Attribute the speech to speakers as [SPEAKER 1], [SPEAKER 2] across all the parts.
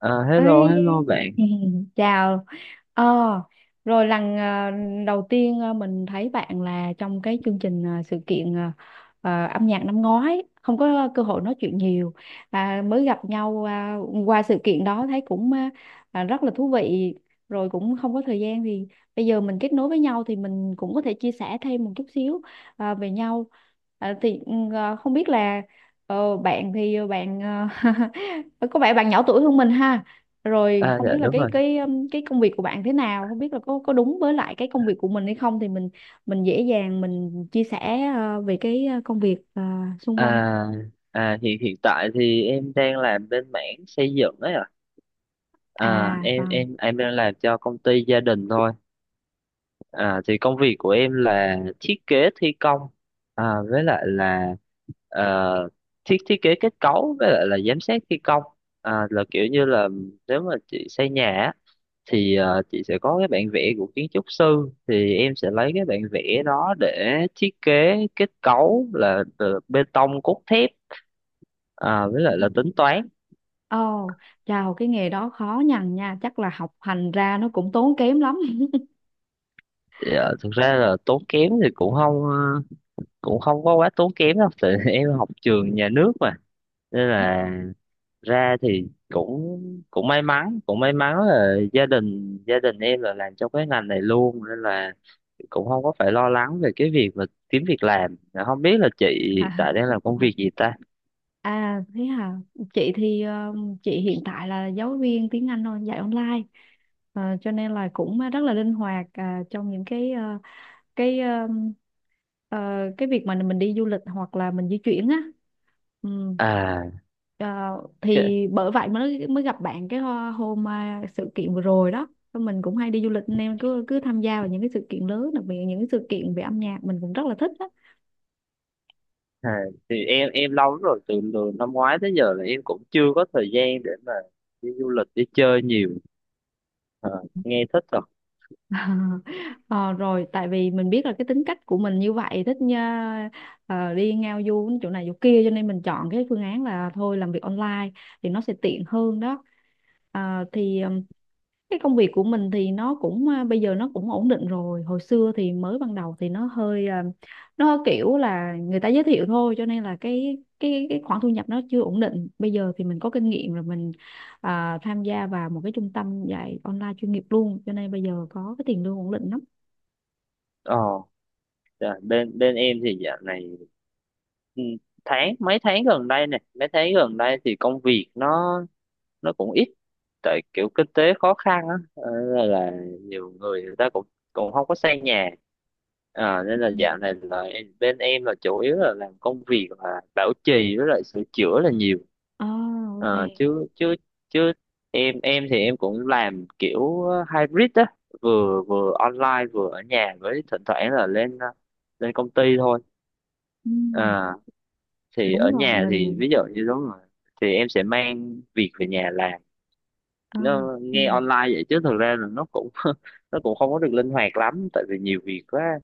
[SPEAKER 1] À, hello
[SPEAKER 2] Ấy
[SPEAKER 1] hello bạn.
[SPEAKER 2] chào ờ rồi lần đầu tiên mình thấy bạn là trong cái chương trình sự kiện, âm nhạc năm ngoái, không có cơ hội nói chuyện nhiều. À, mới gặp nhau, qua sự kiện đó thấy cũng rất là thú vị, rồi cũng không có thời gian. Thì bây giờ mình kết nối với nhau thì mình cũng có thể chia sẻ thêm một chút xíu về nhau. À, thì không biết là bạn thì bạn, ờ, có vẻ bạn nhỏ tuổi hơn mình ha. Rồi không
[SPEAKER 1] Dạ
[SPEAKER 2] biết là
[SPEAKER 1] đúng rồi.
[SPEAKER 2] cái công việc của bạn thế nào, không biết là có đúng với lại cái công việc của mình hay không, thì mình dễ dàng mình chia sẻ về cái công việc xung quanh.
[SPEAKER 1] à hiện hiện tại thì em đang làm bên mảng xây dựng ấy ạ. à
[SPEAKER 2] À
[SPEAKER 1] em
[SPEAKER 2] vâng.
[SPEAKER 1] em em đang làm cho công ty gia đình thôi. Thì công việc của em là thiết kế thi công, à với lại là ờ, thiết thiết kế kết cấu với lại là giám sát thi công. Là kiểu như là nếu mà chị xây nhà á, thì chị sẽ có cái bản vẽ của kiến trúc sư thì em sẽ lấy cái bản vẽ đó để thiết kế kết cấu là từ bê tông cốt thép, à, với lại là tính toán.
[SPEAKER 2] Ồ, chào, cái nghề đó khó nhằn nha, chắc là học hành ra nó cũng tốn kém lắm.
[SPEAKER 1] Thực ra là tốn kém thì cũng không ờ, cũng không có quá tốn kém đâu tại em học trường nhà nước mà, nên là ra thì cũng cũng may mắn, cũng may mắn là gia đình em là làm trong cái ngành này luôn, nên là cũng không có phải lo lắng về cái việc mà kiếm việc làm. Dạ, không biết là chị hiện
[SPEAKER 2] À,
[SPEAKER 1] tại đang làm công việc gì ta?
[SPEAKER 2] à thế hả. Chị thì chị hiện tại là giáo viên tiếng Anh thôi, dạy online. Ờ, cho nên là cũng rất là linh hoạt trong những cái cái um, ờ, cái việc mà mình đi du lịch hoặc là mình di chuyển á. ừm,
[SPEAKER 1] À,
[SPEAKER 2] ờ,
[SPEAKER 1] cái,
[SPEAKER 2] thì bởi vậy mới mới gặp bạn hôm, sự kiện vừa rồi đó. Thôi mình cũng hay đi du lịch nên cứ cứ tham gia vào những cái sự kiện lớn, đặc biệt là những cái sự kiện về âm nhạc mình cũng rất là thích đó.
[SPEAKER 1] à Thì em lâu lắm rồi, từ năm ngoái tới giờ là em cũng chưa có thời gian để mà đi du lịch đi chơi nhiều. à, Nghe thích rồi.
[SPEAKER 2] Ờ, rồi tại vì mình biết là cái tính cách của mình như vậy thích nha, đi ngao du chỗ này chỗ kia, cho nên mình chọn cái phương án là thôi làm việc online thì nó sẽ tiện hơn đó. Ờ, thì ờ, cái công việc của mình thì nó cũng, bây giờ nó cũng ổn định rồi. Hồi xưa thì mới ban đầu thì nó hơi, nó kiểu là người ta giới thiệu thôi, cho nên là cái khoản thu nhập nó chưa ổn định. Bây giờ thì mình có kinh nghiệm rồi, mình tham gia vào một cái trung tâm dạy online chuyên nghiệp luôn, cho nên bây giờ có cái tiền lương ổn định lắm.
[SPEAKER 1] ờ dạ, bên bên em thì dạo này, ừ, tháng mấy tháng gần đây nè mấy tháng gần đây thì công việc nó cũng ít, tại kiểu kinh tế khó khăn á, nên là nhiều người người ta cũng cũng không có xây nhà. Ờ, nên là
[SPEAKER 2] Ừ.
[SPEAKER 1] dạo này là bên em là chủ yếu là làm công việc là bảo trì với lại sửa chữa là nhiều.
[SPEAKER 2] À, ok.
[SPEAKER 1] Ờ, chứ chứ chứ em thì em cũng làm kiểu hybrid á, vừa vừa online vừa ở nhà, với thỉnh thoảng là lên lên công ty thôi.
[SPEAKER 2] Ừ,
[SPEAKER 1] Ờ, thì ở
[SPEAKER 2] đúng rồi
[SPEAKER 1] nhà thì
[SPEAKER 2] mình.
[SPEAKER 1] ví dụ như đúng rồi, thì em sẽ mang việc về nhà làm.
[SPEAKER 2] À,
[SPEAKER 1] Nó
[SPEAKER 2] ừ.
[SPEAKER 1] nghe online vậy chứ thực ra là nó cũng nó cũng không có được linh hoạt lắm tại vì nhiều việc quá.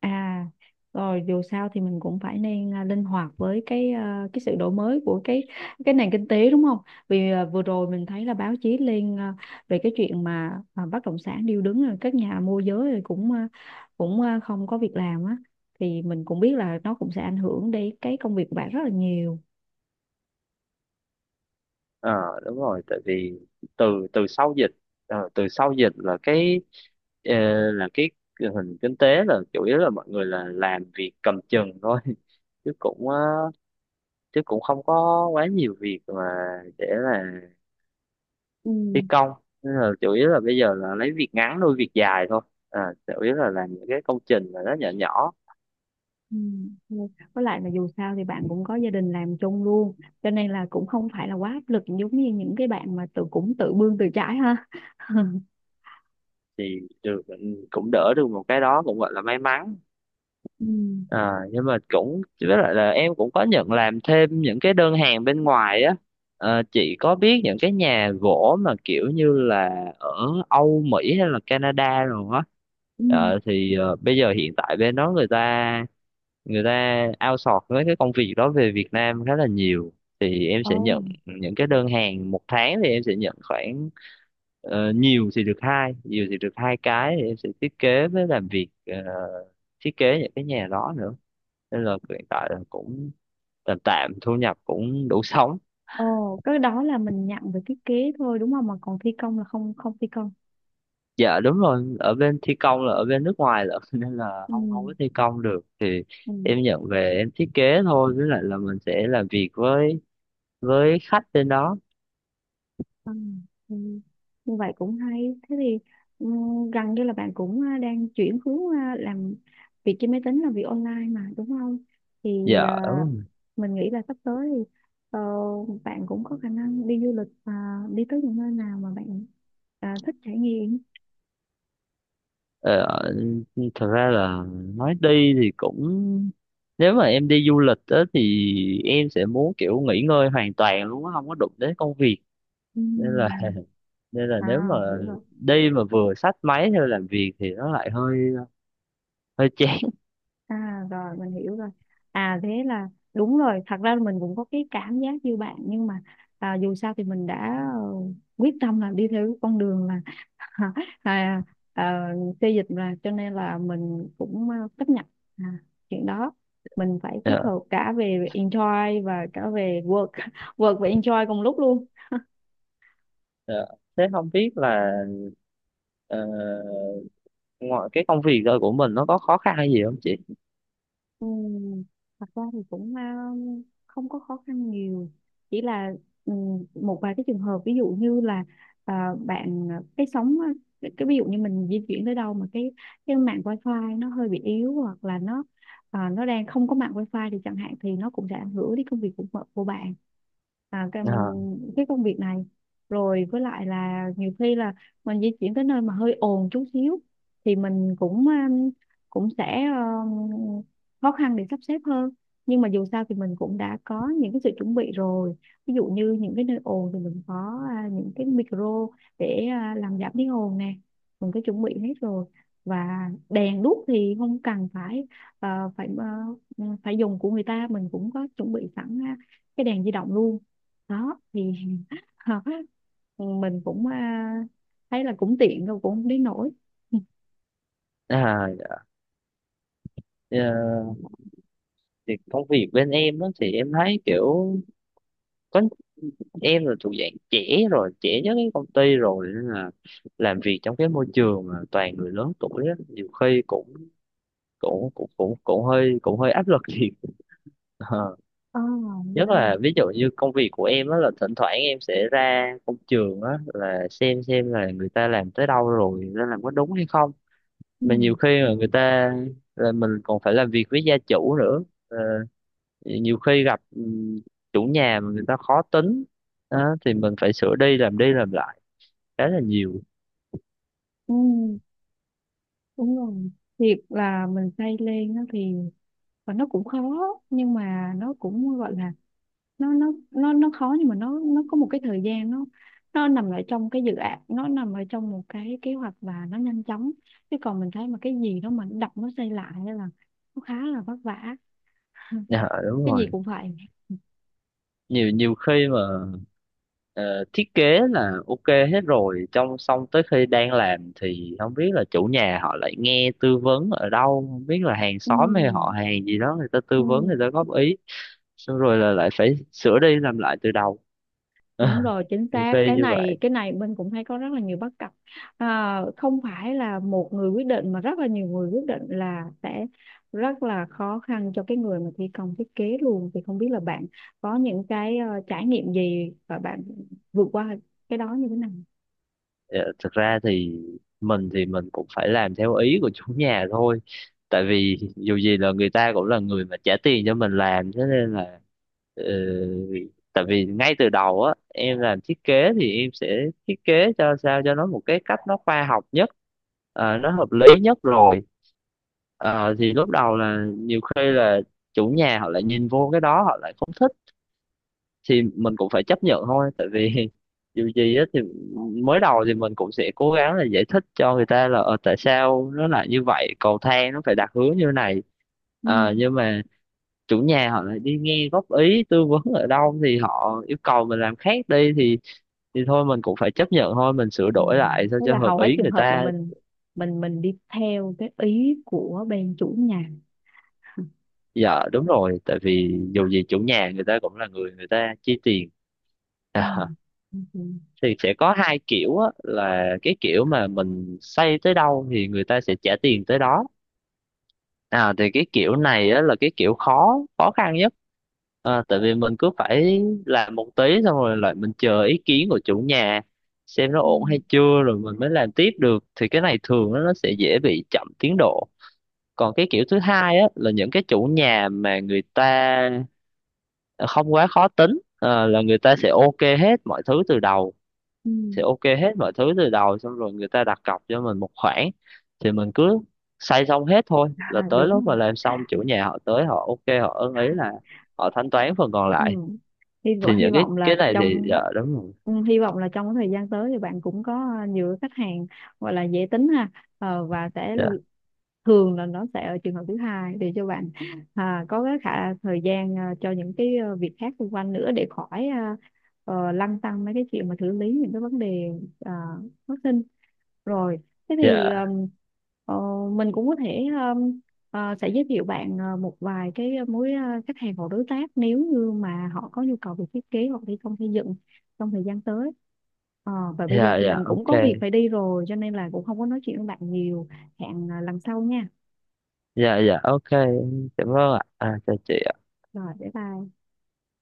[SPEAKER 2] À, rồi dù sao thì mình cũng phải nên linh hoạt với cái, cái sự đổi mới của cái nền kinh tế đúng không? Vì vừa rồi mình thấy là báo chí lên, về cái chuyện mà bất động sản điêu đứng, rồi các nhà môi giới rồi cũng, không có việc làm á, thì mình cũng biết là nó cũng sẽ ảnh hưởng đến cái công việc của bạn rất là nhiều.
[SPEAKER 1] Ờ Đúng rồi, tại vì từ từ sau dịch, ờ, từ sau dịch là cái ờ, là cái hình kinh tế là chủ yếu là mọi người là làm việc cầm chừng thôi chứ cũng ờ, chứ cũng không có quá nhiều việc mà để là
[SPEAKER 2] Ừ.
[SPEAKER 1] thi công, nên là chủ yếu là bây giờ là lấy việc ngắn nuôi việc dài thôi. À, chủ yếu là làm những cái công trình mà nó nhỏ nhỏ
[SPEAKER 2] Ừ. Ừ. Với lại là dù sao thì bạn cũng có gia đình làm chung luôn cho nên là cũng không phải là quá áp lực, giống như những cái bạn mà tự cũng tự bươn tự trái ha.
[SPEAKER 1] thì được. Ừ, cũng đỡ được một cái, đó cũng gọi là may mắn.
[SPEAKER 2] Ừ.
[SPEAKER 1] À, nhưng mà cũng với lại là em cũng có nhận làm thêm những cái đơn hàng bên ngoài á. Ờ, chị có biết những cái nhà gỗ mà kiểu như là ở Âu Mỹ hay là Canada rồi á,
[SPEAKER 2] Ừ.
[SPEAKER 1] Thì bây giờ hiện tại bên đó người ta outsource với cái công việc đó về Việt Nam khá là nhiều. Thì em
[SPEAKER 2] Ồ,
[SPEAKER 1] sẽ nhận những cái đơn hàng một tháng, thì em sẽ nhận khoảng nhiều thì được hai cái, thì em sẽ thiết kế với làm việc, thiết kế những cái nhà đó nữa, nên là hiện tại là cũng tạm tạm, thu nhập cũng đủ sống.
[SPEAKER 2] ồ, cái đó là mình nhận về thiết kế thôi đúng không? Mà còn thi công là không, không thi công.
[SPEAKER 1] Dạ đúng rồi, ở bên thi công là ở bên nước ngoài là nên là
[SPEAKER 2] Ừ.
[SPEAKER 1] không không có thi công được, thì
[SPEAKER 2] Ừ.
[SPEAKER 1] em nhận về em thiết kế thôi, với lại là mình sẽ làm việc với khách bên đó.
[SPEAKER 2] Ừ. Ừ. Như vậy cũng hay. Thế thì ừ, gần như là bạn cũng, đang chuyển hướng làm việc trên máy tính, là việc online mà đúng không? Thì
[SPEAKER 1] Dạ
[SPEAKER 2] à,
[SPEAKER 1] đúng rồi.
[SPEAKER 2] mình nghĩ là sắp tới thì ờ, bạn cũng có khả năng đi du lịch và đi tới những nơi nào mà bạn thích trải nghiệm.
[SPEAKER 1] ờ, Thật ra là nói đi thì cũng, nếu mà em đi du lịch á thì em sẽ muốn kiểu nghỉ ngơi hoàn toàn luôn á, không có đụng đến công việc.
[SPEAKER 2] Ừ.
[SPEAKER 1] Nên là nên là nếu
[SPEAKER 2] À,
[SPEAKER 1] mà
[SPEAKER 2] hiểu rồi.
[SPEAKER 1] đi mà vừa xách máy theo làm việc thì nó lại hơi hơi chán.
[SPEAKER 2] À rồi mình hiểu rồi. À thế là đúng rồi, thật ra mình cũng có cái cảm giác như bạn, nhưng mà dù sao thì mình đã, quyết tâm là đi theo cái con đường là à, à, xê dịch mà cho nên là mình cũng chấp nhận à, chuyện đó. Mình phải kết
[SPEAKER 1] Dạ,
[SPEAKER 2] hợp cả về enjoy và cả về work, work và enjoy cùng lúc luôn.
[SPEAKER 1] dạ. Thế không biết là ờ, ngoài cái công việc đó của mình nó có khó khăn hay gì không chị?
[SPEAKER 2] Ừ, thật ra thì cũng không có khó khăn nhiều, chỉ là ừ, một vài cái trường hợp, ví dụ như là ờ, bạn, cái sóng, cái ví dụ như mình di chuyển tới đâu mà cái mạng wifi nó hơi bị yếu, hoặc là nó, nó đang không có mạng wifi thì chẳng hạn, thì nó cũng sẽ ảnh hưởng đến công việc của bạn, à, cái,
[SPEAKER 1] à,
[SPEAKER 2] cái công việc này. Rồi với lại là nhiều khi là mình di chuyển tới nơi mà hơi ồn chút xíu thì mình cũng, cũng sẽ khó khăn để sắp xếp hơn. Nhưng mà dù sao thì mình cũng đã có những cái sự chuẩn bị rồi, ví dụ như những cái nơi ồn thì mình có, những cái micro để làm giảm tiếng ồn nè, mình có chuẩn bị hết rồi. Và đèn đuốc thì không cần phải, à, phải à, phải dùng của người ta, mình cũng có chuẩn bị sẵn cái đèn di động luôn đó. Thì mình cũng, thấy là cũng tiện rồi, cũng không đến nổi.
[SPEAKER 1] dạ. Ờ, thì công việc bên em đó thì em thấy kiểu có, em là thuộc dạng trẻ, rồi trẻ nhất cái công ty rồi, nên là làm việc trong cái môi trường mà toàn người lớn tuổi á nhiều khi cũng cũng cũng cũng cũng hơi áp lực thiệt. Ờ.
[SPEAKER 2] Ồ, oh,
[SPEAKER 1] Nhất
[SPEAKER 2] yeah.
[SPEAKER 1] là ví dụ như công việc của em á là thỉnh thoảng em sẽ ra công trường á, là xem là người ta làm tới đâu rồi nên làm có đúng hay không.
[SPEAKER 2] Ừ.
[SPEAKER 1] Mà nhiều khi mà người ta là mình còn phải làm việc với gia chủ nữa. Ờ, nhiều khi gặp chủ nhà mà người ta khó tính á, thì mình phải sửa đi làm lại khá là nhiều.
[SPEAKER 2] Ừ. Đúng rồi. Việc là mình xây lên á thì và nó cũng khó, nhưng mà nó cũng gọi là, nó khó nhưng mà nó có một cái thời gian nó nằm ở trong cái dự án, nó nằm ở trong một cái kế hoạch và nó nhanh chóng. Chứ còn mình thấy mà cái gì đó mà đập nó xây lại á là nó khá là vất vả,
[SPEAKER 1] Dạ đúng
[SPEAKER 2] cái gì
[SPEAKER 1] rồi,
[SPEAKER 2] cũng vậy.
[SPEAKER 1] nhiều nhiều khi mà ờ, thiết kế là ok hết rồi, trong xong tới khi đang làm thì không biết là chủ nhà họ lại nghe tư vấn ở đâu, không biết là hàng
[SPEAKER 2] ừ,
[SPEAKER 1] xóm hay họ hàng gì đó, người ta tư vấn
[SPEAKER 2] ừ,
[SPEAKER 1] người ta góp ý, xong rồi là lại phải sửa đi làm lại từ đầu.
[SPEAKER 2] đúng rồi chính
[SPEAKER 1] Nhiều
[SPEAKER 2] xác,
[SPEAKER 1] khi
[SPEAKER 2] cái
[SPEAKER 1] như vậy.
[SPEAKER 2] này cái này mình cũng thấy có rất là nhiều bất cập, không phải là một người quyết định mà rất là nhiều người quyết định, là sẽ rất là khó khăn cho cái người mà thi công thiết kế luôn. Thì không biết là bạn có những cái trải nghiệm gì và bạn vượt qua cái đó như thế nào.
[SPEAKER 1] Dạ, thực ra thì mình cũng phải làm theo ý của chủ nhà thôi, tại vì dù gì là người ta cũng là người mà trả tiền cho mình làm, thế nên là ờ, tại vì ngay từ đầu á em làm thiết kế thì em sẽ thiết kế cho sao cho nó một cái cách nó khoa học nhất, nó hợp lý nhất rồi. Ờ, thì lúc đầu là nhiều khi là chủ nhà họ lại nhìn vô cái đó họ lại không thích, thì mình cũng phải chấp nhận thôi, tại vì dù gì á thì mới đầu thì mình cũng sẽ cố gắng là giải thích cho người ta là tại sao nó lại như vậy, cầu thang nó phải đặt hướng như này.
[SPEAKER 2] Ừ.
[SPEAKER 1] Ờ, nhưng mà chủ nhà họ lại đi nghe góp ý tư vấn ở đâu thì họ yêu cầu mình làm khác đi, thì thôi mình cũng phải chấp nhận thôi, mình sửa
[SPEAKER 2] Ừ.
[SPEAKER 1] đổi lại sao
[SPEAKER 2] Thế
[SPEAKER 1] cho
[SPEAKER 2] là
[SPEAKER 1] hợp
[SPEAKER 2] hầu hết
[SPEAKER 1] ý
[SPEAKER 2] trường
[SPEAKER 1] người
[SPEAKER 2] hợp là
[SPEAKER 1] ta.
[SPEAKER 2] mình đi theo cái ý của bên chủ nhà.
[SPEAKER 1] Dạ đúng rồi, tại vì dù gì chủ nhà người ta cũng là người, người ta chi tiền.
[SPEAKER 2] Ừ. Ừ.
[SPEAKER 1] Thì sẽ có hai kiểu á, là cái kiểu mà mình xây tới đâu thì người ta sẽ trả tiền tới đó. À, thì cái kiểu này á, là cái kiểu khó khó khăn nhất, à, tại vì mình cứ phải làm một tí xong rồi lại mình chờ ý kiến của chủ nhà xem nó
[SPEAKER 2] Ừ.
[SPEAKER 1] ổn hay chưa rồi mình mới làm tiếp được, thì cái này thường nó sẽ dễ bị chậm tiến độ. Còn cái kiểu thứ hai á, là những cái chủ nhà mà người ta không quá khó tính, à, là người ta sẽ ok hết mọi thứ từ đầu,
[SPEAKER 2] Ừ.
[SPEAKER 1] thì ok hết mọi thứ từ đầu xong rồi người ta đặt cọc cho mình một khoản, thì mình cứ xây xong hết thôi, là
[SPEAKER 2] À,
[SPEAKER 1] tới
[SPEAKER 2] đúng
[SPEAKER 1] lúc
[SPEAKER 2] rồi.
[SPEAKER 1] mà làm xong chủ nhà họ tới họ ok họ ưng ý là họ thanh toán phần còn
[SPEAKER 2] Ừ.
[SPEAKER 1] lại.
[SPEAKER 2] hy vọng
[SPEAKER 1] Thì những
[SPEAKER 2] hy vọng
[SPEAKER 1] cái
[SPEAKER 2] là
[SPEAKER 1] này thì dạ
[SPEAKER 2] trong,
[SPEAKER 1] đúng rồi.
[SPEAKER 2] hy vọng là trong cái thời gian tới thì bạn cũng có nhiều cái khách hàng gọi là dễ tính ha. Ờ, và sẽ
[SPEAKER 1] dạ
[SPEAKER 2] l- thường là nó sẽ ở trường hợp thứ hai để cho bạn có cái khả thời gian, cho những cái việc khác xung quanh nữa, để khỏi lăn tăn mấy cái chuyện mà xử lý những cái vấn đề à, phát sinh. Rồi thế thì,
[SPEAKER 1] dạ
[SPEAKER 2] ờ, mình cũng có thể, Ờ, sẽ giới thiệu bạn một vài cái khách hàng hoặc đối tác nếu như mà họ có nhu cầu về thiết kế hoặc thi công xây dựng trong thời gian tới. Ờ, và bây giờ
[SPEAKER 1] dạ
[SPEAKER 2] thì
[SPEAKER 1] dạ
[SPEAKER 2] mình cũng có
[SPEAKER 1] ok.
[SPEAKER 2] việc phải đi rồi cho nên là cũng không có nói chuyện với bạn nhiều. Hẹn lần sau nha.
[SPEAKER 1] Dạ dạ ok, cảm ơn ạ. À, chào chị ạ.
[SPEAKER 2] Rồi, bye bye.